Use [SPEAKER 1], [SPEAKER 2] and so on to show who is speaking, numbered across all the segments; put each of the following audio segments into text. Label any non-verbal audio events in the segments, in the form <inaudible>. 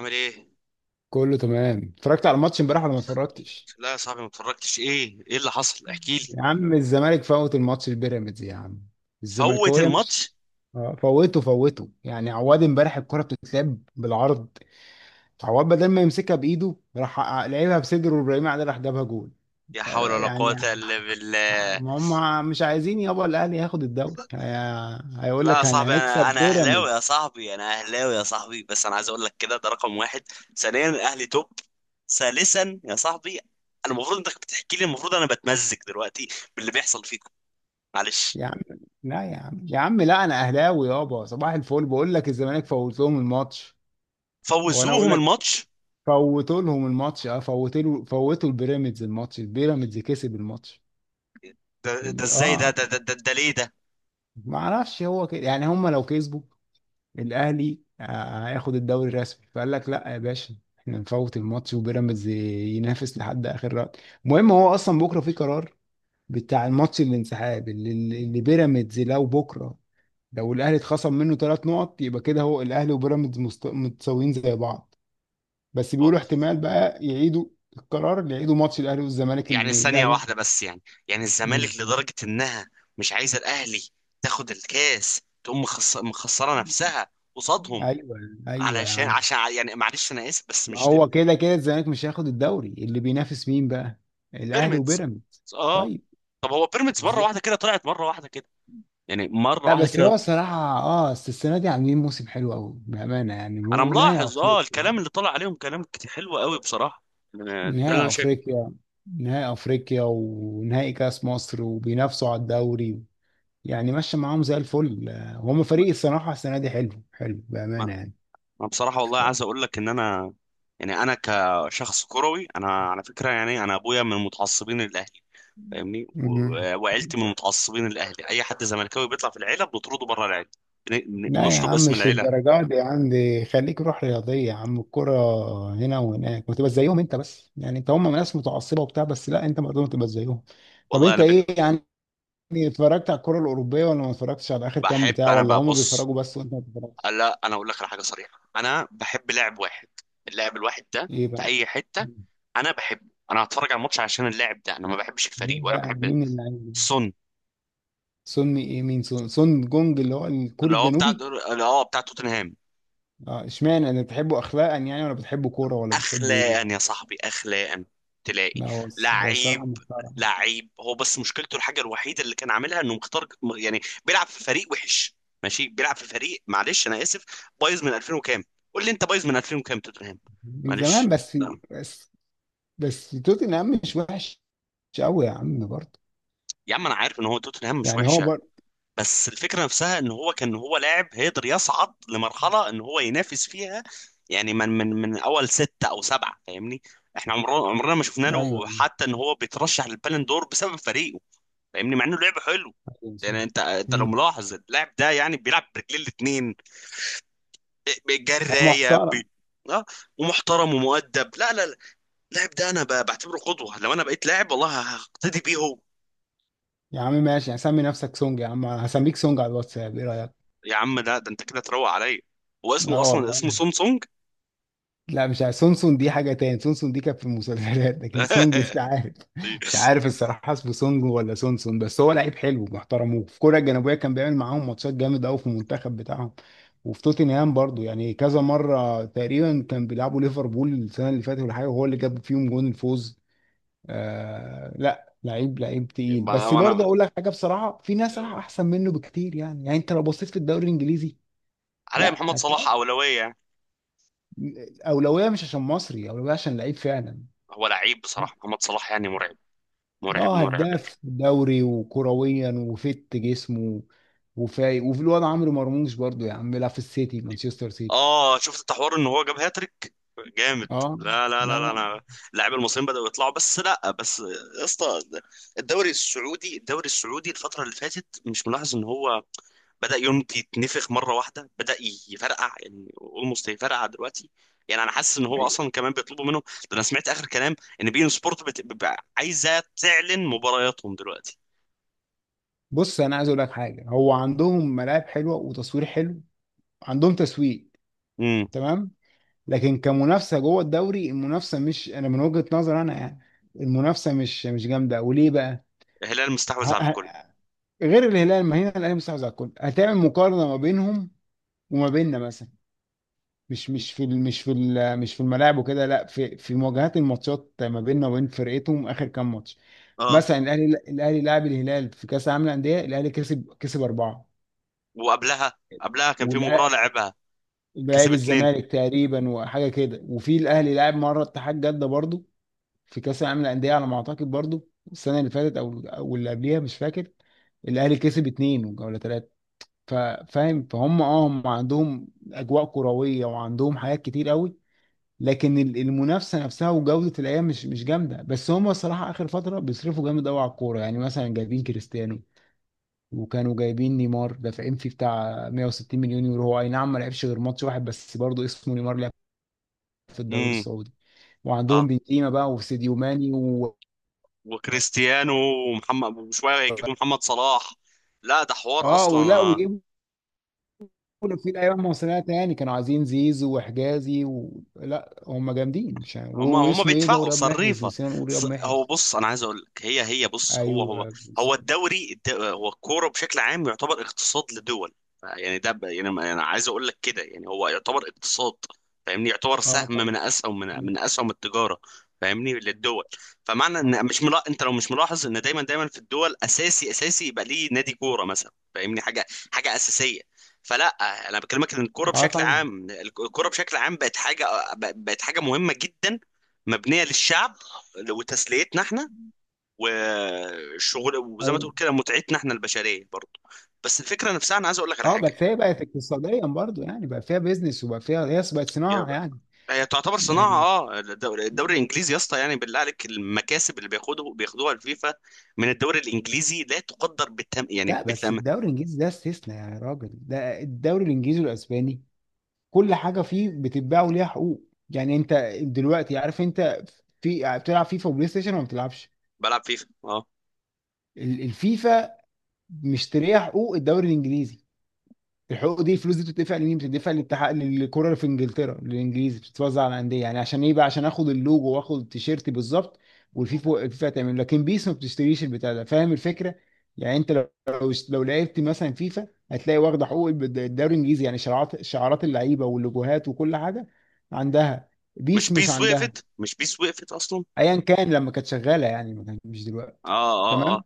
[SPEAKER 1] عامل ايه؟
[SPEAKER 2] كله تمام، اتفرجت على الماتش امبارح ولا ما اتفرجتش؟
[SPEAKER 1] لا يا صاحبي ما اتفرجتش ايه؟ ايه اللي حصل؟ احكي لي.
[SPEAKER 2] يا عم الزمالك فوت الماتش البيراميدز يا عم.
[SPEAKER 1] فوت
[SPEAKER 2] الزملكاويه مش
[SPEAKER 1] الماتش.
[SPEAKER 2] آه، فوته فوته. يعني عواد امبارح الكره بتتلعب بالعرض، عواد بدل ما يمسكها بايده راح لعبها بصدره وابراهيم عادل راح جابها جول.
[SPEAKER 1] يا حول ولا
[SPEAKER 2] يعني
[SPEAKER 1] قوة الا بالله.
[SPEAKER 2] ما هم مش عايزين يابا الاهلي ياخد الدوري، هيقول
[SPEAKER 1] لا يا
[SPEAKER 2] لك
[SPEAKER 1] صاحبي
[SPEAKER 2] هنكسب
[SPEAKER 1] انا اهلاوي يا
[SPEAKER 2] بيراميدز
[SPEAKER 1] صاحبي انا اهلاوي يا صاحبي، بس انا عايز اقول لك كده، ده رقم واحد. ثانيا الاهلي توب. ثالثا يا صاحبي انا المفروض انك بتحكي لي، المفروض انا بتمزج دلوقتي باللي بيحصل فيكم. معلش.
[SPEAKER 2] يا عم. لا يا عم يا عم، لا انا اهلاوي يابا، صباح الفل، بقول لك الزمالك فوت لهم الماتش. وانا اقول
[SPEAKER 1] فوزوهم
[SPEAKER 2] لك
[SPEAKER 1] الماتش.
[SPEAKER 2] فوتوا لهم الماتش، اه، فوتوا البيراميدز الماتش، البيراميدز كسب الماتش.
[SPEAKER 1] ده ده ازاي؟ ده
[SPEAKER 2] اه،
[SPEAKER 1] ده ده, ده, ده ليه ده؟
[SPEAKER 2] ما اعرفش هو كده. يعني هم لو كسبوا الاهلي آه، هياخد الدوري الرسمي، فقال لك لا يا باشا احنا نفوت الماتش وبيراميدز ينافس لحد اخر رات. المهم هو اصلا بكره في قرار بتاع الماتش، الانسحاب اللي بيراميدز، لو بكره لو الاهلي اتخصم منه ثلاث نقط، يبقى كده هو الاهلي وبيراميدز متساويين زي بعض. بس بيقولوا احتمال بقى يعيدوا القرار، يعيدوا ماتش الاهلي والزمالك
[SPEAKER 1] يعني
[SPEAKER 2] اللي
[SPEAKER 1] ثانية
[SPEAKER 2] الاهلي.
[SPEAKER 1] واحدة بس، يعني يعني الزمالك
[SPEAKER 2] مم.
[SPEAKER 1] لدرجة إنها مش عايزة الأهلي تاخد الكاس، تقوم مخسرة نفسها قصادهم؟
[SPEAKER 2] ايوه، ايوه يا
[SPEAKER 1] علشان
[SPEAKER 2] عم.
[SPEAKER 1] يعني معلش أنا آسف بس
[SPEAKER 2] ما
[SPEAKER 1] مش دي.
[SPEAKER 2] هو كده كده الزمالك مش هياخد الدوري، اللي بينافس مين بقى؟ الاهلي
[SPEAKER 1] بيراميدز.
[SPEAKER 2] وبيراميدز.
[SPEAKER 1] آه.
[SPEAKER 2] طيب.
[SPEAKER 1] طب هو بيراميدز مرة
[SPEAKER 2] إز-
[SPEAKER 1] واحدة كده طلعت؟ مرة واحدة كده، يعني مرة
[SPEAKER 2] لا
[SPEAKER 1] واحدة
[SPEAKER 2] بس
[SPEAKER 1] كده.
[SPEAKER 2] هو صراحة اه، بس السنة دي عاملين موسم حلو قوي بأمانة، يعني
[SPEAKER 1] أنا
[SPEAKER 2] ونهائي
[SPEAKER 1] ملاحظ، آه،
[SPEAKER 2] افريقيا.
[SPEAKER 1] الكلام اللي طلع عليهم كلام حلو قوي بصراحة. ده اللي أنا
[SPEAKER 2] نهائي
[SPEAKER 1] شايفه.
[SPEAKER 2] افريقيا، نهائي افريقيا ونهائي كاس مصر وبينافسوا على الدوري، يعني ماشي معاهم زي الفل. آه، هم
[SPEAKER 1] ما
[SPEAKER 2] فريق الصراحة السنة دي حلو حلو
[SPEAKER 1] ما-
[SPEAKER 2] بأمانة يعني.
[SPEAKER 1] ما بصراحة والله عايز أقول لك إن أنا يعني أنا كشخص كروي، أنا على فكرة يعني أنا أبويا من المتعصبين للأهلي، فاهمني،
[SPEAKER 2] مم.
[SPEAKER 1] وعيلتي من المتعصبين الاهلي. اي حد زملكاوي بيطلع في العيله بنطرده بره العيله،
[SPEAKER 2] لا يا
[SPEAKER 1] بنشطب
[SPEAKER 2] عم،
[SPEAKER 1] اسم
[SPEAKER 2] مش
[SPEAKER 1] العيله.
[SPEAKER 2] للدرجات دي عندي، خليك روح رياضية يا عم، الكرة هنا وهناك، وتبقى زيهم انت بس. يعني انت هم ناس متعصبة وبتاع بس، لا انت برضه تبقى زيهم. طب
[SPEAKER 1] والله
[SPEAKER 2] انت
[SPEAKER 1] انا بن-
[SPEAKER 2] ايه يعني، اتفرجت على الكرة الأوروبية ولا ما اتفرجتش، على آخر كام
[SPEAKER 1] بحب
[SPEAKER 2] بتاع،
[SPEAKER 1] انا
[SPEAKER 2] ولا هم
[SPEAKER 1] ببص.
[SPEAKER 2] بيتفرجوا بس وانت ما بتتفرجش؟
[SPEAKER 1] لا انا اقول لك على حاجه صريحه، انا بحب لاعب واحد، اللاعب الواحد ده
[SPEAKER 2] ايه
[SPEAKER 1] في
[SPEAKER 2] بقى؟
[SPEAKER 1] اي حته انا بحبه، انا هتفرج على الماتش عشان اللاعب ده، انا ما بحبش الفريق
[SPEAKER 2] مين
[SPEAKER 1] ولا
[SPEAKER 2] بقى،
[SPEAKER 1] بحب.
[SPEAKER 2] مين اللي عايز؟
[SPEAKER 1] سون.
[SPEAKER 2] سون ايه، مين سون؟ سون جونج اللي هو الكوري
[SPEAKER 1] اللي هو بتاع
[SPEAKER 2] الجنوبي؟
[SPEAKER 1] اللي هو بتاع توتنهام.
[SPEAKER 2] اه اشمعنى، انا بتحبه اخلاقا يعني، ولا بتحبه كورة، ولا بتحبه ايه؟
[SPEAKER 1] اخلاقا يا صاحبي، اخلاقا. تلاقي
[SPEAKER 2] لا هو هو الصراحة
[SPEAKER 1] لعيب،
[SPEAKER 2] محترم.
[SPEAKER 1] لعيب هو، بس مشكلته الحاجه الوحيده اللي كان عاملها انه مختار، يعني بيلعب في فريق وحش. ماشي، بيلعب في فريق، معلش انا اسف، بايظ من 2000 وكام. قول لي انت، بايظ من 2000 وكام توتنهام.
[SPEAKER 2] من زمان
[SPEAKER 1] معلش.
[SPEAKER 2] بس.
[SPEAKER 1] لا
[SPEAKER 2] بس بس توتنهام مش وحش قوي يا عم برضه،
[SPEAKER 1] يا عم انا عارف ان هو توتنهام مش
[SPEAKER 2] يعني هو
[SPEAKER 1] وحش،
[SPEAKER 2] برضه.
[SPEAKER 1] بس الفكرة نفسها ان هو كان هو لاعب هيقدر يصعد لمرحلة ان هو ينافس فيها، يعني من اول ستة او سبعة، فاهمني. احنا عمرنا ما شفنا له
[SPEAKER 2] ايوه.
[SPEAKER 1] حتى ان هو بيترشح للبالون دور بسبب فريقه، فاهمني، مع انه لعب حلو.
[SPEAKER 2] أيوة.
[SPEAKER 1] يعني انت لو
[SPEAKER 2] امم.
[SPEAKER 1] ملاحظ اللاعب ده، يعني بيلعب برجلين الاتنين،
[SPEAKER 2] هو
[SPEAKER 1] جراية
[SPEAKER 2] محترم.
[SPEAKER 1] اه. ومحترم ومؤدب، لا لا لا، اللاعب ده انا بعتبره قدوة. لو انا بقيت لاعب والله هقتدي بيه هو.
[SPEAKER 2] يا عم ماشي، هسمي نفسك سونج يا عم، هسميك سونج على الواتساب، ايه رايك؟
[SPEAKER 1] يا عم لا، ده انت كده تروق عليا. هو اسمه
[SPEAKER 2] اه
[SPEAKER 1] اصلا، اسمه
[SPEAKER 2] والله.
[SPEAKER 1] سونسونج.
[SPEAKER 2] لا مش عارف، سونسون دي حاجة تاني، سونسون دي كانت في المسلسلات، لكن سونج مش
[SPEAKER 1] <laughs>
[SPEAKER 2] عارف.
[SPEAKER 1] دي
[SPEAKER 2] مش عارف الصراحة، اسمه سونج ولا سونسون، بس هو لعيب حلو، محترموه في كوريا الجنوبية، كان بيعمل معاهم ماتشات جامد قوي في المنتخب بتاعهم، وفي توتنهام برضو. يعني كذا مرة تقريبا كان بيلعبوا ليفربول السنة اللي فاتت ولا حاجة، وهو اللي جاب فيهم جون الفوز. آه لا، لعيب لعيب تقيل، بس
[SPEAKER 1] ما
[SPEAKER 2] برضه
[SPEAKER 1] انا
[SPEAKER 2] اقول لك حاجة بصراحة، في ناس احسن منه بكتير يعني. يعني انت لو بصيت في الدوري الانجليزي،
[SPEAKER 1] علي
[SPEAKER 2] لا
[SPEAKER 1] محمد صلاح
[SPEAKER 2] هتلاقي
[SPEAKER 1] اولويه، يعني
[SPEAKER 2] اولويه، مش عشان مصري، اولويه عشان لعيب فعلا.
[SPEAKER 1] هو لعيب
[SPEAKER 2] لا،
[SPEAKER 1] بصراحه، محمد صلاح يعني مرعب، مرعب
[SPEAKER 2] اه،
[SPEAKER 1] مرعب.
[SPEAKER 2] هداف دوري وكرويا وفت جسمه وفايق. وفي الواد عمرو مرموش برضو يا عم، بيلعب في السيتي، مانشستر سيتي.
[SPEAKER 1] اه شفت التحوار ان هو جاب هاتريك؟ جامد.
[SPEAKER 2] اه.
[SPEAKER 1] لا لا
[SPEAKER 2] لا
[SPEAKER 1] لا لا،
[SPEAKER 2] لا.
[SPEAKER 1] انا اللاعب المصريين بداوا يطلعوا، بس لا بس، يا اسطى، الدوري السعودي، الدوري السعودي الفتره اللي فاتت مش ملاحظ ان هو بدأ يونج يتنفخ مرة واحدة؟ بدأ يفرقع، يعني اولموست يفرقع دلوقتي. يعني انا حاسس ان هو
[SPEAKER 2] أيوة.
[SPEAKER 1] اصلا كمان بيطلبوا منه ده. انا سمعت اخر كلام ان بين سبورت عايزة تعلن مبارياتهم دلوقتي.
[SPEAKER 2] بص انا عايز اقول لك حاجه، هو عندهم ملاعب حلوه وتصوير حلو، عندهم تسويق،
[SPEAKER 1] امم.
[SPEAKER 2] تمام. لكن كمنافسه جوه الدوري، المنافسه مش، انا من وجهه نظر انا يعني، المنافسه مش جامده. وليه بقى؟
[SPEAKER 1] الهلال
[SPEAKER 2] ه...
[SPEAKER 1] مستحوذ على
[SPEAKER 2] ه...
[SPEAKER 1] الكل.
[SPEAKER 2] غير الهلال، ما هنا الاهلي مستحوذ على الكل، هتعمل مقارنه ما بينهم وما بيننا مثلا. مش في الملاعب وكده، لا، في في مواجهات الماتشات ما بيننا وبين فرقتهم اخر كام ماتش.
[SPEAKER 1] اه،
[SPEAKER 2] مثلا الاهلي، الاهلي لعب الهلال في كاس العالم للانديه، الاهلي كسب اربعه.
[SPEAKER 1] وقبلها كان في مباراة
[SPEAKER 2] ولعب
[SPEAKER 1] لعبها، كسب اتنين.
[SPEAKER 2] الزمالك تقريبا وحاجه كده. وفي الاهلي لعب مره اتحاد جده برضو في كاس العالم للانديه، على ما اعتقد برضو السنه اللي فاتت او اللي قبليها، مش فاكر. الاهلي كسب اتنين ولا ثلاثه. فاهم، فهم، اه، هم عندهم اجواء كرويه وعندهم حاجات كتير قوي، لكن المنافسه نفسها وجوده الايام مش مش جامده. بس هم الصراحه اخر فتره بيصرفوا جامد قوي على الكوره، يعني مثلا جايبين كريستيانو، وكانوا جايبين نيمار دافعين فيه بتاع 160 مليون يورو. هو اي نعم ما لعبش غير ماتش واحد، بس برضه اسمه نيمار، لعب في الدوري
[SPEAKER 1] امم.
[SPEAKER 2] السعودي. وعندهم
[SPEAKER 1] اه.
[SPEAKER 2] بنزيما بقى وساديو ماني و...
[SPEAKER 1] وكريستيانو ومحمد وشوية هيجيبوا محمد صلاح، لا ده حوار
[SPEAKER 2] اه ولا
[SPEAKER 1] اصلا.
[SPEAKER 2] ويجيبوا في الايام مصريه تاني، كانوا عايزين زيزو وحجازي و... لا هم جامدين مش عارف.
[SPEAKER 1] هما
[SPEAKER 2] و...
[SPEAKER 1] هما
[SPEAKER 2] واسمه ايه ده،
[SPEAKER 1] بيدفعوا
[SPEAKER 2] ورياض محرز،
[SPEAKER 1] صريفة.
[SPEAKER 2] نسينا نقول رياض
[SPEAKER 1] هو
[SPEAKER 2] محرز.
[SPEAKER 1] بص انا عايز اقول لك، هي بص، هو
[SPEAKER 2] ايوه.
[SPEAKER 1] هو هو الكورة بشكل عام يعتبر اقتصاد لدول، يعني ده انا عايز اقول لك كده، يعني هو يعتبر اقتصاد، فاهمني، يعتبر
[SPEAKER 2] اه
[SPEAKER 1] سهم
[SPEAKER 2] طبعا.
[SPEAKER 1] من اسهم من اسهم التجارة، فاهمني، للدول. فمعنى ان
[SPEAKER 2] طبعا.
[SPEAKER 1] مش انت لو مش ملاحظ ان دايما في الدول اساسي، اساسي يبقى ليه نادي كورة مثلا، فاهمني، حاجة حاجة اساسية. فلا، انا بكلمك ان الكوره
[SPEAKER 2] اه
[SPEAKER 1] بشكل
[SPEAKER 2] طبعا.
[SPEAKER 1] عام، الكوره بشكل عام بقت حاجه، بقت حاجه مهمه جدا، مبنيه للشعب وتسليتنا احنا والشغل، وزي ما
[SPEAKER 2] ايوه.
[SPEAKER 1] تقول كده متعتنا احنا البشريه برضه. بس الفكره نفسها، انا عايز اقول لك على
[SPEAKER 2] اه
[SPEAKER 1] حاجه.
[SPEAKER 2] بس هي بقت اقتصاديا برضو، يعني بقى فيها بيزنس، وبقى فيها، هي بقت
[SPEAKER 1] يا
[SPEAKER 2] صناعه
[SPEAKER 1] ب-
[SPEAKER 2] يعني.
[SPEAKER 1] هي تعتبر صناعه.
[SPEAKER 2] يعني
[SPEAKER 1] اه الدوري، الدوري الانجليزي يا اسطى، يعني بالله عليك المكاسب اللي بياخدوها الفيفا من الدوري الانجليزي لا تقدر بالثمن، يعني
[SPEAKER 2] لا، بس
[SPEAKER 1] بالثمن.
[SPEAKER 2] الدوري الانجليزي ده استثناء يا راجل، ده الدوري الانجليزي والاسباني، كل حاجه فيه بتتباع وليها حقوق. يعني انت دلوقتي عارف، انت في بتلعب فيفا وبلاي ستيشن ولا ما بتلعبش؟
[SPEAKER 1] بلعب فيفا اه.
[SPEAKER 2] الفيفا مشتريه حقوق الدوري الانجليزي. الحقوق دي، الفلوس دي بتدفع لمين؟ بتدفع للاتحاد للكره في انجلترا، للانجليزي، بتتوزع على الانديه، يعني عشان ايه بقى؟ عشان اخد اللوجو واخد التيشيرت بالظبط. والفيفا، الفيفا تعمل، لكن بيس ما بتشتريش البتاع ده، فاهم الفكره؟ يعني انت لو لو لعبت مثلا فيفا هتلاقي واخده حقوق الدوري الانجليزي، يعني شعارات، شعارات اللعيبه واللوجوهات وكل حاجه عندها،
[SPEAKER 1] مش
[SPEAKER 2] بيس مش
[SPEAKER 1] بيس
[SPEAKER 2] عندها.
[SPEAKER 1] وقفت، مش بيس وقفت اصلا.
[SPEAKER 2] ايا كان، لما كانت شغاله يعني، ما كان، مش دلوقتي.
[SPEAKER 1] اه
[SPEAKER 2] تمام.
[SPEAKER 1] اه.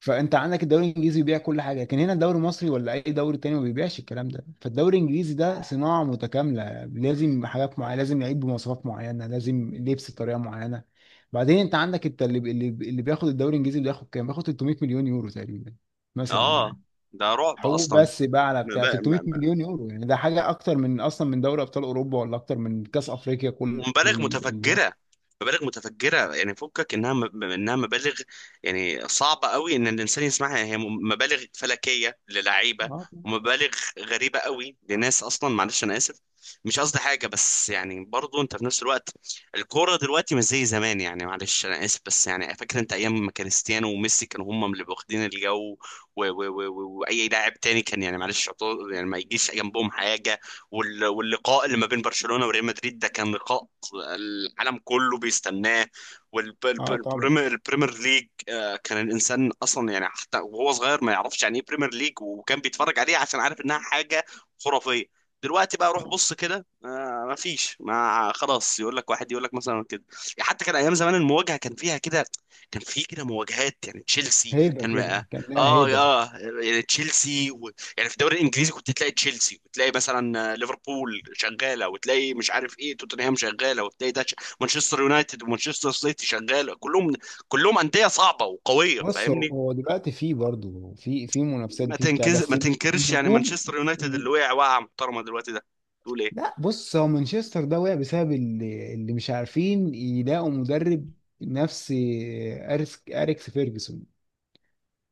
[SPEAKER 2] فانت عندك الدوري الانجليزي بيبيع كل حاجه، لكن هنا الدوري المصري ولا اي دوري تاني ما بيبيعش الكلام ده. فالدوري الانجليزي ده صناعه متكامله، لازم حاجات معينه، لازم لعيب بمواصفات معينه، لازم لبس بطريقه معينه. بعدين انت عندك، انت اللي بياخد الدوري الانجليزي، اللي بياخد كام، بياخد 300 مليون يورو تقريبا مثلا
[SPEAKER 1] اه اه.
[SPEAKER 2] يعني.
[SPEAKER 1] ده رعب
[SPEAKER 2] حقوق
[SPEAKER 1] اصلا.
[SPEAKER 2] بس، بقى على بتاع 300 مليون يورو يعني، ده حاجه اكتر من اصلا من دوري ابطال اوروبا، ولا اكتر من كاس افريقيا كله
[SPEAKER 1] ومبالغ
[SPEAKER 2] اللي يعني.
[SPEAKER 1] متفجره، مبالغ متفجره، يعني فكك انها انها مبالغ، يعني صعبه قوي ان الانسان يسمعها، هي مبالغ فلكيه للعيبه
[SPEAKER 2] اه طبعا.
[SPEAKER 1] ومبالغ غريبه قوي لناس اصلا، معلش انا اسف، مش قصدي حاجه، بس يعني برضو انت في نفس الوقت الكوره دلوقتي مش زي زمان، يعني معلش انا اسف، بس يعني فاكر انت ايام ما كريستيانو وميسي كانوا هم اللي واخدين الجو، واي لاعب تاني كان، يعني معلش يعني ما يجيش جنبهم حاجه، واللقاء اللي ما بين برشلونة وريال مدريد، ده كان لقاء العالم كله بيستناه.
[SPEAKER 2] اه طبعا.
[SPEAKER 1] والبريمير ليج، آه، كان الانسان اصلا يعني حتى وهو صغير ما يعرفش يعني ايه بريمير ليج، وكان بيتفرج عليه عشان عارف انها حاجة خرافية. دلوقتي بقى روح
[SPEAKER 2] آه.
[SPEAKER 1] بص كده، آه، ما فيش، ما خلاص، يقول لك واحد يقول لك مثلا كده. يعني حتى كان ايام زمان المواجهه كان فيها كده، كان في كده مواجهات، يعني تشيلسي
[SPEAKER 2] هيبه
[SPEAKER 1] كان اه.
[SPEAKER 2] كده، كان لها
[SPEAKER 1] اه،
[SPEAKER 2] هيبه.
[SPEAKER 1] يعني تشيلسي، يعني في الدوري الانجليزي كنت تلاقي تشيلسي، وتلاقي مثلا، آه، ليفربول شغاله، وتلاقي مش عارف ايه، توتنهام شغاله، وتلاقي ده مانشستر يونايتد ومانشستر سيتي شغاله، كلهم كلهم انديه صعبه وقويه،
[SPEAKER 2] بص هو،
[SPEAKER 1] فاهمني.
[SPEAKER 2] هو دلوقتي في برضه، في في منافسات، في بتاع
[SPEAKER 1] ما
[SPEAKER 2] بس.
[SPEAKER 1] تنكرش، يعني
[SPEAKER 2] النجوم.
[SPEAKER 1] مانشستر يونايتد اللي وقع وقعه محترمه دلوقتي ده تقول ايه؟
[SPEAKER 2] لا بص، هو مانشستر ده وقع بسبب اللي مش عارفين يلاقوا مدرب نفس اريكس فيرجسون.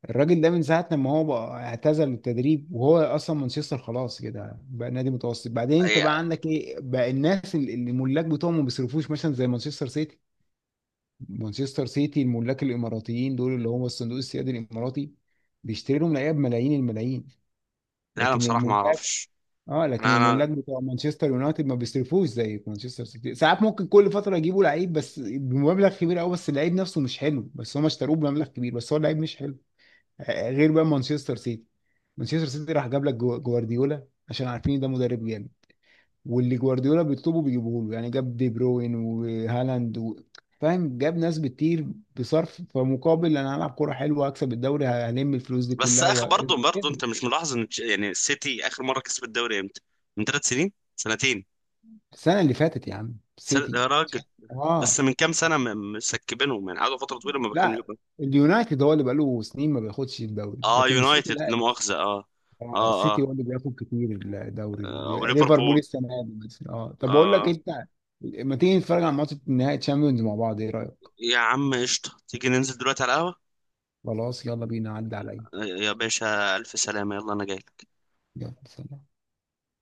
[SPEAKER 2] الراجل ده من ساعة لما هو بقى اعتزل التدريب، وهو أصلا مانشستر خلاص كده بقى نادي متوسط. بعدين أنت بقى
[SPEAKER 1] أي-
[SPEAKER 2] عندك إيه بقى؟ الناس اللي الملاك بتوعهم ما بيصرفوش مثلا زي مانشستر سيتي. مانشستر سيتي الملاك الاماراتيين دول، اللي هم الصندوق السيادي الاماراتي، بيشتري لهم لعيبه بملايين الملايين.
[SPEAKER 1] لا انا
[SPEAKER 2] لكن
[SPEAKER 1] بصراحه ما
[SPEAKER 2] الملاك،
[SPEAKER 1] اعرفش.
[SPEAKER 2] اه، لكن
[SPEAKER 1] انا أنا-
[SPEAKER 2] الملاك بتوع مانشستر يونايتد ما بيصرفوش زي مانشستر سيتي، ساعات ممكن كل فتره يجيبوا لعيب بس بمبلغ كبير قوي، بس اللعيب نفسه مش حلو، بس هم اشتروه بمبلغ كبير بس هو اللعيب مش حلو. غير بقى مانشستر سيتي، مانشستر سيتي راح جاب لك جوارديولا عشان عارفين ده مدرب جامد. واللي جوارديولا بيطلبه بيجيبوه له، يعني جاب دي بروين وهالاند و... فاهم، جاب ناس بتطير، بصرف، فمقابل انا هلعب كوره حلوه، هكسب الدوري، هلم الفلوس دي
[SPEAKER 1] بس
[SPEAKER 2] كلها و...
[SPEAKER 1] اخر، برضه برضه انت مش ملاحظ ان يعني السيتي اخر مره كسب الدوري امتى؟ من ثلاث سنين، سنتين،
[SPEAKER 2] السنه اللي فاتت يا عم
[SPEAKER 1] سنة يا
[SPEAKER 2] سيتي.
[SPEAKER 1] راجل. بس
[SPEAKER 2] اه.
[SPEAKER 1] من كام سنه مسكبينهم، يعني قعدوا فتره طويله ما
[SPEAKER 2] لا، اليونايتد هو اللي بقاله سنين ما بياخدش الدوري،
[SPEAKER 1] اه.
[SPEAKER 2] لكن السيتي
[SPEAKER 1] يونايتد
[SPEAKER 2] لا.
[SPEAKER 1] لا مؤاخذة اه.
[SPEAKER 2] اه
[SPEAKER 1] اه
[SPEAKER 2] السيتي
[SPEAKER 1] اه,
[SPEAKER 2] هو اللي بياخد كتير الدوري.
[SPEAKER 1] آه
[SPEAKER 2] ليفربول
[SPEAKER 1] وليفربول.
[SPEAKER 2] السنه دي مثلا، اه. طب اقول لك
[SPEAKER 1] اه.
[SPEAKER 2] انت، ما تيجي نتفرج على ماتش نهائي تشامبيونز مع بعض، ايه رايك؟
[SPEAKER 1] يا عم قشطة، تيجي ننزل دلوقتي على القهوة.
[SPEAKER 2] خلاص يلا بينا، عدى عليا.
[SPEAKER 1] آه، يا باشا ألف سلامة، يلا أنا جاي.
[SPEAKER 2] يلا سلام.